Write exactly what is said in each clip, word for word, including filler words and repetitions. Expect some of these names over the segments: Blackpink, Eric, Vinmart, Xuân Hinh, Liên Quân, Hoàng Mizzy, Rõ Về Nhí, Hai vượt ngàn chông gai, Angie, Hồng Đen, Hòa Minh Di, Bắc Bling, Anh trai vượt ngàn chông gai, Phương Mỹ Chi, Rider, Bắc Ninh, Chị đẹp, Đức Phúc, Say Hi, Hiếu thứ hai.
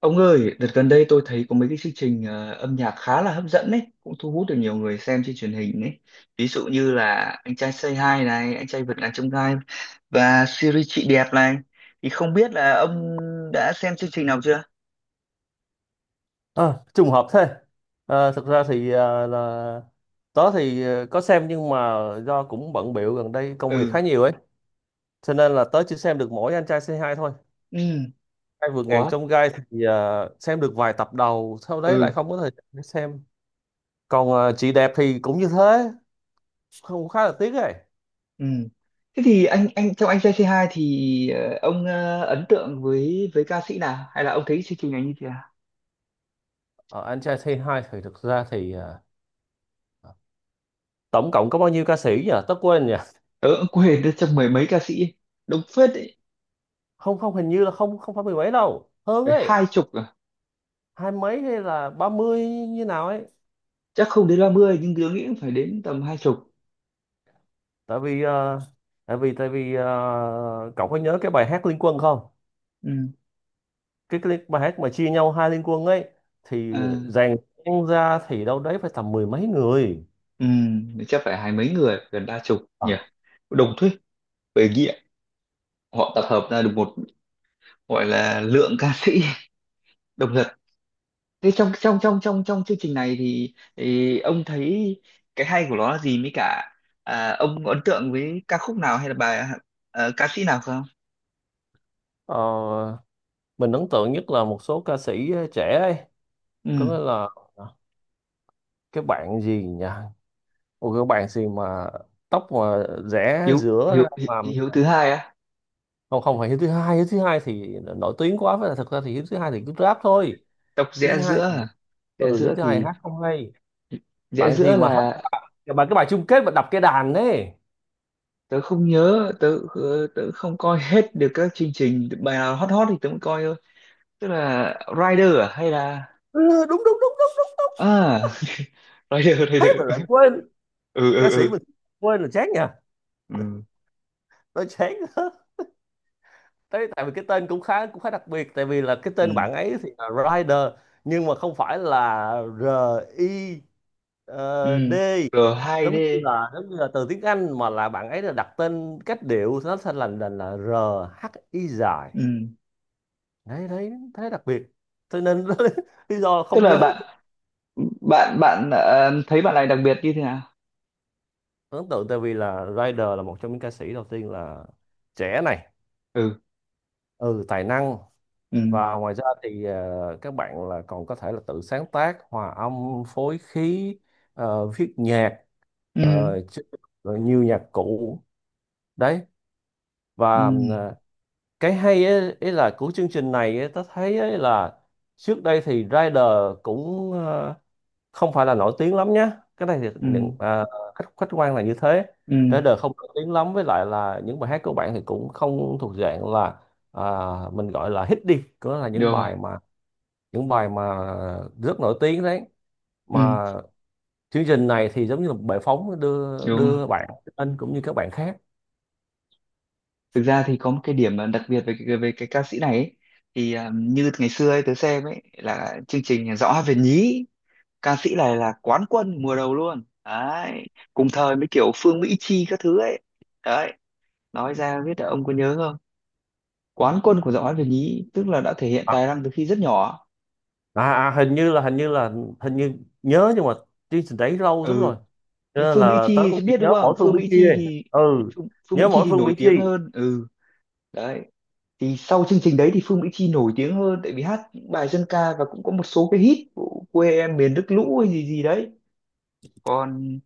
Ông ơi, đợt gần đây tôi thấy có mấy cái chương trình ờ, âm nhạc khá là hấp dẫn đấy, cũng thu hút được nhiều người xem trên truyền hình đấy. Ví dụ như là Anh trai Say Hi này, Anh trai vượt ngàn chông gai và series Chị đẹp này. Thì không biết là ông đã xem chương trình nào chưa? Ờ, Trùng hợp thế. Ờ, thực ra thì ờ, là tớ thì ờ, có xem nhưng mà do cũng bận bịu gần đây công việc Ừ. khá nhiều ấy, cho nên là tớ chỉ xem được mỗi anh trai Say Hi thôi. Ừ. Hai vượt ngàn What? chông gai thì ờ, xem được vài tập đầu, sau đấy lại Ừ. không có thời gian để xem. Còn ờ, chị đẹp thì cũng như thế, không khá là tiếc ấy. Ừ. Thế thì anh anh trong Anh trai Say Hi thì, ờ, ông ờ, ấn tượng với với ca sĩ nào hay là ông thấy chương trình này như thế nào? Ờ, anh trai Say Hi thì thực ra thì ờ, tổng cộng có bao nhiêu ca sĩ nhỉ? Tớ quên nhỉ. Ờ, ông quên được trong mười mấy ca sĩ đông phết đấy, Không không, hình như là không không phải mười mấy đâu, hơn phải ấy, hai chục à? hai mấy hay là ba mươi như nào ấy. Chắc không đến ba mươi nhưng tớ nghĩ cũng phải đến tầm hai chục. Tại vì ờ, tại vì tại vì ờ, cậu có nhớ cái bài hát Liên Quân không? Ừ. Cái, cái bài hát mà chia nhau hai Liên Quân ấy thì À, dàn nhạc ra thì đâu đấy phải tầm mười mấy người. ừ. Chắc phải hai mấy người gần ba chục Ờ, nhỉ, đồng thuyết về nghĩa họ tập hợp ra được một gọi là lượng ca sĩ đồng thật. Thế trong trong trong trong trong chương trình này thì, thì ông thấy cái hay của nó là gì, mới cả à, ông có ấn tượng với ca khúc nào hay là bài, à, ca sĩ nào không? Ờ, mình ấn tượng nhất là một số ca sĩ trẻ ấy, có Ừ. nghĩa là ờ, cái bạn gì nhỉ, một cái bạn gì mà tóc mà rẽ Hiếu, giữa hiếu ra hiếu mà. hiếu thứ hai á? Không không phải hiếu thứ hai, hiếu thứ hai thì nổi tiếng quá, với là thật ra thì hiếu thứ hai thì cứ rap thôi. Đọc Hiếu rẽ thứ hai, giữa à? Rẽ ừ hiếu giữa thứ hai thì hát không hay. rẽ Bạn gì giữa mà hát là, bài, bài cái bài chung kết mà đập cái đàn đấy. tớ không nhớ, tớ ờ, tớ không coi hết được các chương trình, bài nào hot hot thì tớ mới coi thôi. Tức là Rider à hay là, Ừ, đúng đúng đúng đúng đúng đúng. à, Rider, Thế Rider. mà lại quên. Ừ, Ca ừ sĩ ừ mình quên là chán nha. ừ Tôi chán đó. Thế tại vì cái tên cũng khá, cũng khá đặc biệt, tại vì là cái tên ừ bạn ấy thì là Rider, nhưng mà không phải là R, I, ừ ờ, D, giống như rờ hai đê. là giống như là từ tiếng Anh, mà là bạn ấy là đặt tên cách điệu nó thành là là, là R, H, I dài. Ừ, Đấy đấy, thế đặc biệt cho nên lý do tức không là nhớ. bạn, bạn bạn ờ, thấy bạn này đặc biệt như thế nào? Ấn tượng tại vì là Rider là một trong những ca sĩ đầu tiên là trẻ này, Ừ. ừ tài năng, ừ và ngoài ra thì ờ, các bạn là còn có thể là tự sáng tác, hòa âm phối khí, ờ, viết nhạc, ừ ờ, chứ- rồi nhiều nhạc cụ đấy. ừ Và ờ, cái hay ấy, ấy là của chương trình này ấy, ta thấy ấy là trước đây thì Rider cũng ờ, không phải là nổi tiếng lắm nhé. Cái này thì những ừ à, khách khách quan là như thế. ừ Trên đời không nổi tiếng lắm, với lại là những bài hát của bạn thì cũng không thuộc dạng là à, mình gọi là hit đi, có là Được những rồi. bài mà, những bài mà rất nổi tiếng đấy Ừ. mà. Chương trình này thì giống như là một bệ phóng đưa, Đúng rồi. đưa bạn anh cũng như các bạn khác. Thực ra thì có một cái điểm mà đặc biệt về cái- về cái ca sĩ này ấy, thì à, như ngày xưa ấy, tớ xem ấy là chương trình Rõ Về Nhí, ca sĩ này là quán quân mùa đầu luôn đấy, cùng thời với kiểu Phương Mỹ Chi các thứ ấy. Đấy, nói ra biết là ông có nhớ không, quán quân của Rõ Về Nhí tức là đã thể hiện à, tài năng từ khi rất nhỏ. À, à, hình như là, hình như là, hình như nhớ, nhưng mà chương trình đấy lâu lắm Ừ, rồi, cho nhưng nên Phương Mỹ là tớ Chi thì cũng sẽ chỉ biết nhớ đúng không, mỗi phương Phương Mỹ Mỹ Chi Chi ấy. thì, Ừ, Phương, Phương Mỹ nhớ Chi mỗi thì phương nổi Mỹ Chi. tiếng hơn. Ừ. Đấy, thì sau chương trình đấy thì Phương Mỹ Chi nổi tiếng hơn tại vì hát những bài dân ca và cũng có một số cái hit của quê em miền nước lũ hay gì gì đấy. Còn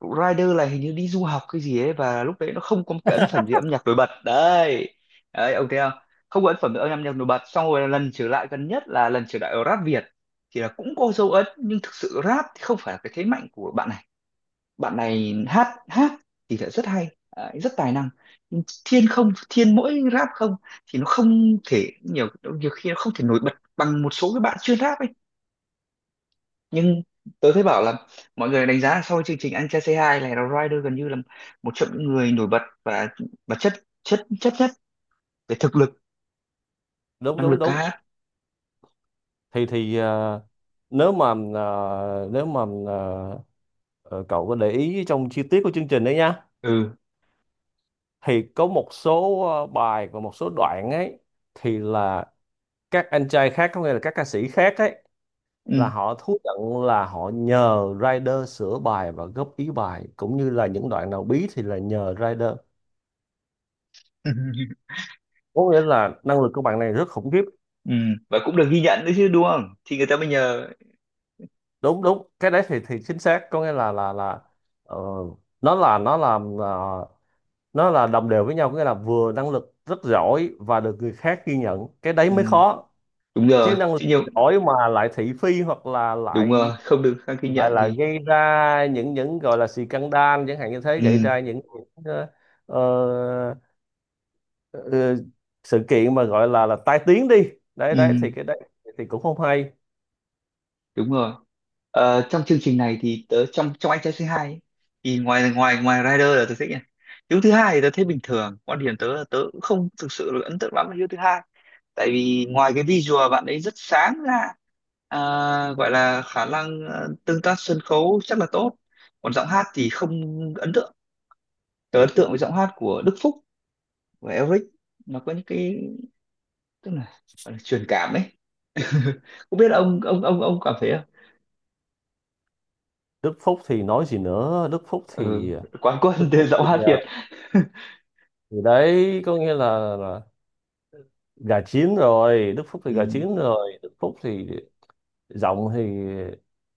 Rider là hình như đi du học cái gì ấy và lúc đấy nó không có một cái ấn phẩm gì âm nhạc nổi bật đấy. Đấy, ông thấy không, không có ấn phẩm âm nhạc nổi bật, xong rồi lần trở lại gần nhất là lần trở lại ở rap Việt thì là cũng có dấu ấn, nhưng thực sự rap thì không phải là cái thế mạnh của bạn này. Bạn này hát hát thì lại rất hay, đấy, rất tài năng. Nhưng thiên không, thiên mỗi rap không thì nó không thể, nhiều nhiều khi nó không thể nổi bật bằng một số cái bạn chuyên rap ấy. Nhưng tớ thấy bảo là mọi người đánh giá là sau chương trình Anh Trai Say Hi này là Rider gần như là một trong những người nổi bật và và chất, chất chất nhất về thực lực, Đúng năng đúng lực ca đúng, hát. thì thì ờ, nếu mà ờ, nếu mà ờ, ờ, cậu có để ý trong chi tiết của chương trình đấy nha, Ừ. thì có một số ờ, bài và một số đoạn ấy, thì là các anh trai khác, có nghĩa là các ca sĩ khác ấy, Ừ. là họ thú nhận là họ nhờ rider sửa bài và góp ý bài, cũng như là những đoạn nào bí thì là nhờ rider. Có nghĩa là năng lực của bạn này rất khủng khiếp. Ừ, và cũng được ghi nhận nữa chứ đúng không, thì người ta mới nhờ. Đúng đúng, cái đấy thì thì chính xác, có nghĩa là là là, ờ, nó là nó làm, nó là đồng đều với nhau, có nghĩa là vừa năng lực rất giỏi và được người khác ghi nhận, cái đấy Ừ, mới khó. đúng Chứ rồi năng lực chứ nhiều. giỏi mà lại thị phi hoặc là Đúng lại, rồi, không được khang ghi lại nhận là thì. gây ra những những gọi là scandal chẳng hạn như thế, Ừ. gây ra những, những ờ, ờ, ờ, sự kiện mà gọi là là tai tiếng đi, đấy đấy Ừ, thì cái đấy thì cũng không hay. đúng rồi. Ờ, trong chương trình này thì tớ, trong trong anh trai xê hai ấy, thì ngoài ngoài ngoài Rider là tớ thích nha. Hiếu thứ hai thì tớ thấy bình thường. Quan điểm tớ là tớ cũng không thực sự là ấn tượng lắm với Hiếu thứ hai. Tại vì ngoài cái visual bạn ấy rất sáng ra, à, gọi là khả năng ờ, tương tác sân khấu chắc là tốt. Còn giọng hát thì không ấn tượng. Tớ ấn tượng với giọng hát của Đức Phúc và Eric. Nó có những cái, tức là, gọi là truyền cảm ấy. Không biết là ông ông ông ông cảm thấy. Đức Phúc thì nói gì nữa, Đức Phúc ừ, thì quán quân Đức thì Phúc giọng thì, hát à, Việt. thì đấy có nghĩa là, là gà chín rồi, Đức Phúc thì Ừ. gà chín rồi, Đức Phúc thì giọng thì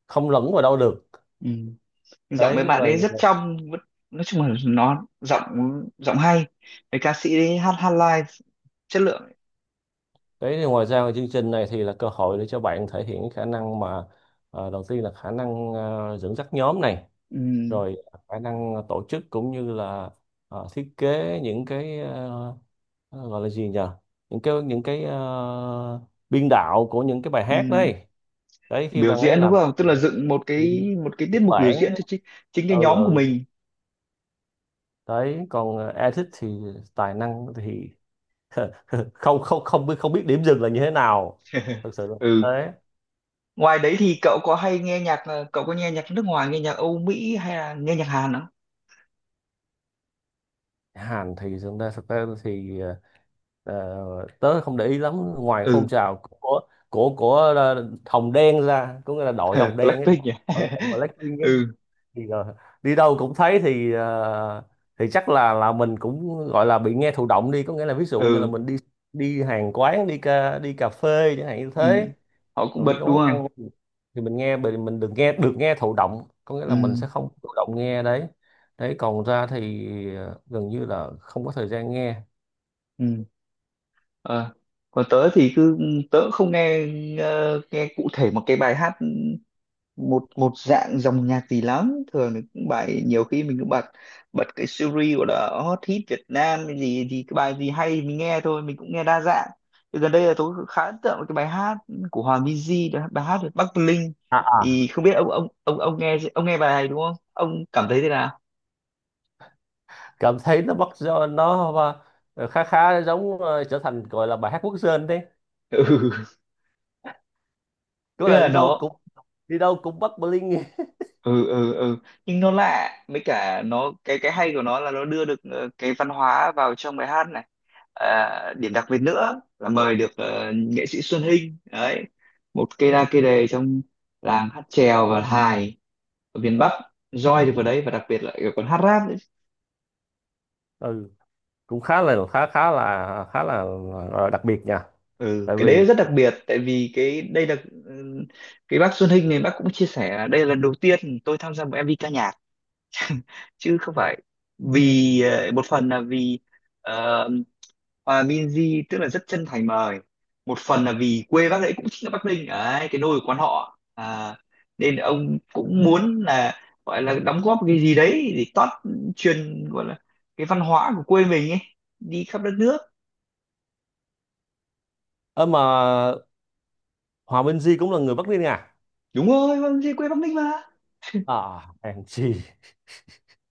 không lẫn vào đâu được. Ừ, giọng mấy Đấy, bạn và ấy rất trong vẫn-, nói chung là nó giọng, giọng hay, cái ca sĩ ấy hát hát live chất lượng. đấy thì ngoài ra chương trình này thì là cơ hội để cho bạn thể hiện cái khả năng mà ờ, đầu tiên là khả năng ờ, dẫn dắt nhóm này, Ừ. rồi khả năng tổ chức cũng như là ờ, thiết kế những cái ờ, ờ, gọi là gì nhỉ, những cái, những cái ờ, biên đạo của những cái bài hát Ừ. đấy. Đấy khi Biểu bạn ấy diễn đúng làm bản. không, tức là dựng một cái, một cái tiết mục biểu diễn cho chính, chính Ừ, cái nhóm của ừ. mình. Đấy còn Edit thì tài năng thì không không, không biết, không biết điểm dừng là như thế nào. Thực sự là Ừ, thế. ngoài đấy thì cậu có hay nghe nhạc, ờ, cậu có nghe nhạc nước ngoài, nghe nhạc Âu Mỹ hay là nghe nhạc Hàn không? Hàn thì thực ra, thực ra thì ờ, ờ, tớ không để ý lắm ngoài phong Ừ. trào của của của ờ, Hồng Đen ra, có nghĩa là đội Hồng Đen ấy, đội Blackpink nhỉ. đội của Blackpink ấy, ừ thì ờ, đi đâu cũng thấy, thì ờ, thì chắc là là mình cũng gọi là bị nghe thụ động đi, có nghĩa là ví dụ như là ừ mình đi, đi hàng quán, đi ca, đi cà phê chẳng hạn như ừ thế, Họ cũng còn bật đi đúng quán không. ăn thì mình nghe mình mình đừng nghe được, nghe thụ động có nghĩa là mình Ừ. sẽ không thụ động nghe đấy. Đấy còn ra thì ờ, gần như là không có thời gian nghe. Ừ. Ờ, còn tớ thì cứ, tớ cũng không nghe ờ, nghe cụ thể một cái bài hát, một một dạng dòng nhạc gì lắm. Thường thì cũng bài, nhiều khi mình cũng bật, bật cái series gọi là hot hit Việt Nam cái gì, thì cái bài gì hay mình nghe thôi, mình cũng nghe đa dạng. Thì gần đây là tôi khá ấn tượng với cái bài hát của Hoàng Mizzy, đó là bài hát về Bắc Bling. à, à. Thì không biết ông, ông ông ông nghe, ông nghe bài này đúng không, ông cảm thấy thế nào? Cảm thấy nó bắt, do nó ờ, khá khá giống ờ, trở thành gọi là bài hát quốc dân đấy. Ừ, Cứ tức là là đi đâu nó. cũng, đi đâu cũng bắt bling. Ừ ừ ừ Nhưng nó lạ, với cả nó, cái cái hay của nó là nó đưa được ờ, cái văn hóa vào trong bài hát này. À, điểm đặc biệt nữa là mời được ờ, nghệ sĩ Xuân Hinh đấy, một cây đa cây đề trong làng hát chèo và hài ở miền Bắc, roi được vào đấy, và đặc biệt lại còn hát rap nữa. Ừ cũng khá là, khá khá là, khá là, là đặc biệt nha. Ừ, Tại cái vì đấy rất đặc biệt tại vì cái đây là, ừ, cái bác Xuân Hinh này bác cũng chia sẻ là đây là lần đầu tiên tôi tham gia một em vi ca nhạc, chứ không phải vì, ờ, một phần là vì, ờ, Hòa Minzy tức là rất chân thành mời. Một phần là vì quê bác ấy cũng chính là Bắc Ninh đấy, cái nôi của quan họ, à, nên ông cũng muốn là gọi là đóng góp cái gì đấy để tót, truyền gọi là cái văn hóa của quê mình ấy đi khắp đất nước. ơ mà Hòa Minh Di cũng là người Bắc Ninh à? Đúng rồi, Hòa Minzy quê Bắc Ninh mà, À Angie.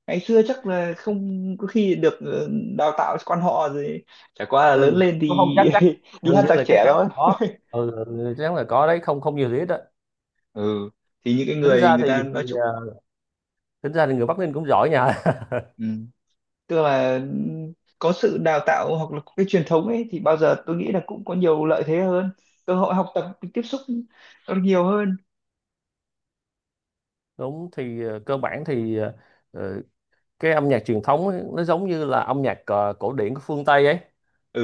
ngày xưa chắc là không có khi được ờ, đào tạo quan họ rồi, chả qua là lớn Ừ lên không không, thì chắc chắc, đi hình hát như giặc là, chắc trẻ chắn thôi. là có. Ừ, ừ, chắc chắn là có đấy, không không nhiều thì ít đó. Ừ, thì những cái tính người, ra người ta thì, thì nói chung. à, Tính ra thì người Bắc Ninh cũng giỏi nha. Ừ, tức là có sự đào tạo hoặc là có cái truyền thống ấy thì bao giờ tôi nghĩ là cũng có nhiều lợi thế hơn, cơ hội học tập tiếp xúc nó nhiều hơn. Đúng, thì à, cơ bản thì à, ờ, cái âm nhạc truyền thống ấy, nó giống như là âm nhạc ờ, cổ điển của phương Tây ấy,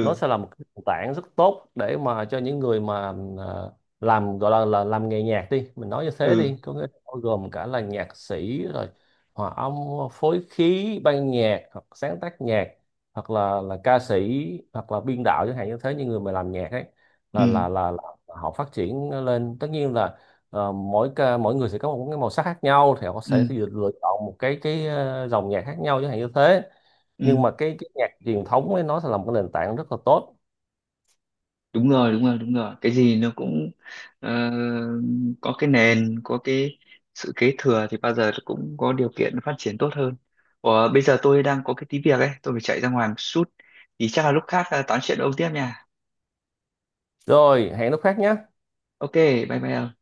nó sẽ là một cái nền tảng rất tốt để mà cho những người mà ờ, làm gọi là, là làm nghề nhạc đi, mình nói như thế ừ đi, có nghĩa là bao gồm cả là nhạc sĩ, rồi hòa âm phối khí ban nhạc hoặc sáng tác nhạc, hoặc là là ca sĩ, hoặc là biên đạo chẳng hạn như thế, những người mà làm nhạc ấy là ừ là là, là họ phát triển lên. Tất nhiên là Ờ, mỗi ca, mỗi người sẽ có một cái màu sắc khác nhau, thì họ sẽ ừ lựa lựa chọn một cái cái ờ, dòng nhạc khác nhau chẳng hạn như thế. ừ Nhưng mà cái, cái nhạc truyền thống ấy nó sẽ là một cái nền tảng rất là tốt. Đúng rồi, đúng rồi đúng rồi cái gì nó cũng, ờ, có cái nền, có cái sự kế thừa thì bao giờ nó cũng có điều kiện phát triển tốt hơn. Ủa, bây giờ tôi đang có cái tí việc ấy, tôi phải chạy ra ngoài một chút, thì chắc là lúc khác à, tám chuyện ôm tiếp nha. Rồi hẹn lúc khác nhé. Ok, bye bye.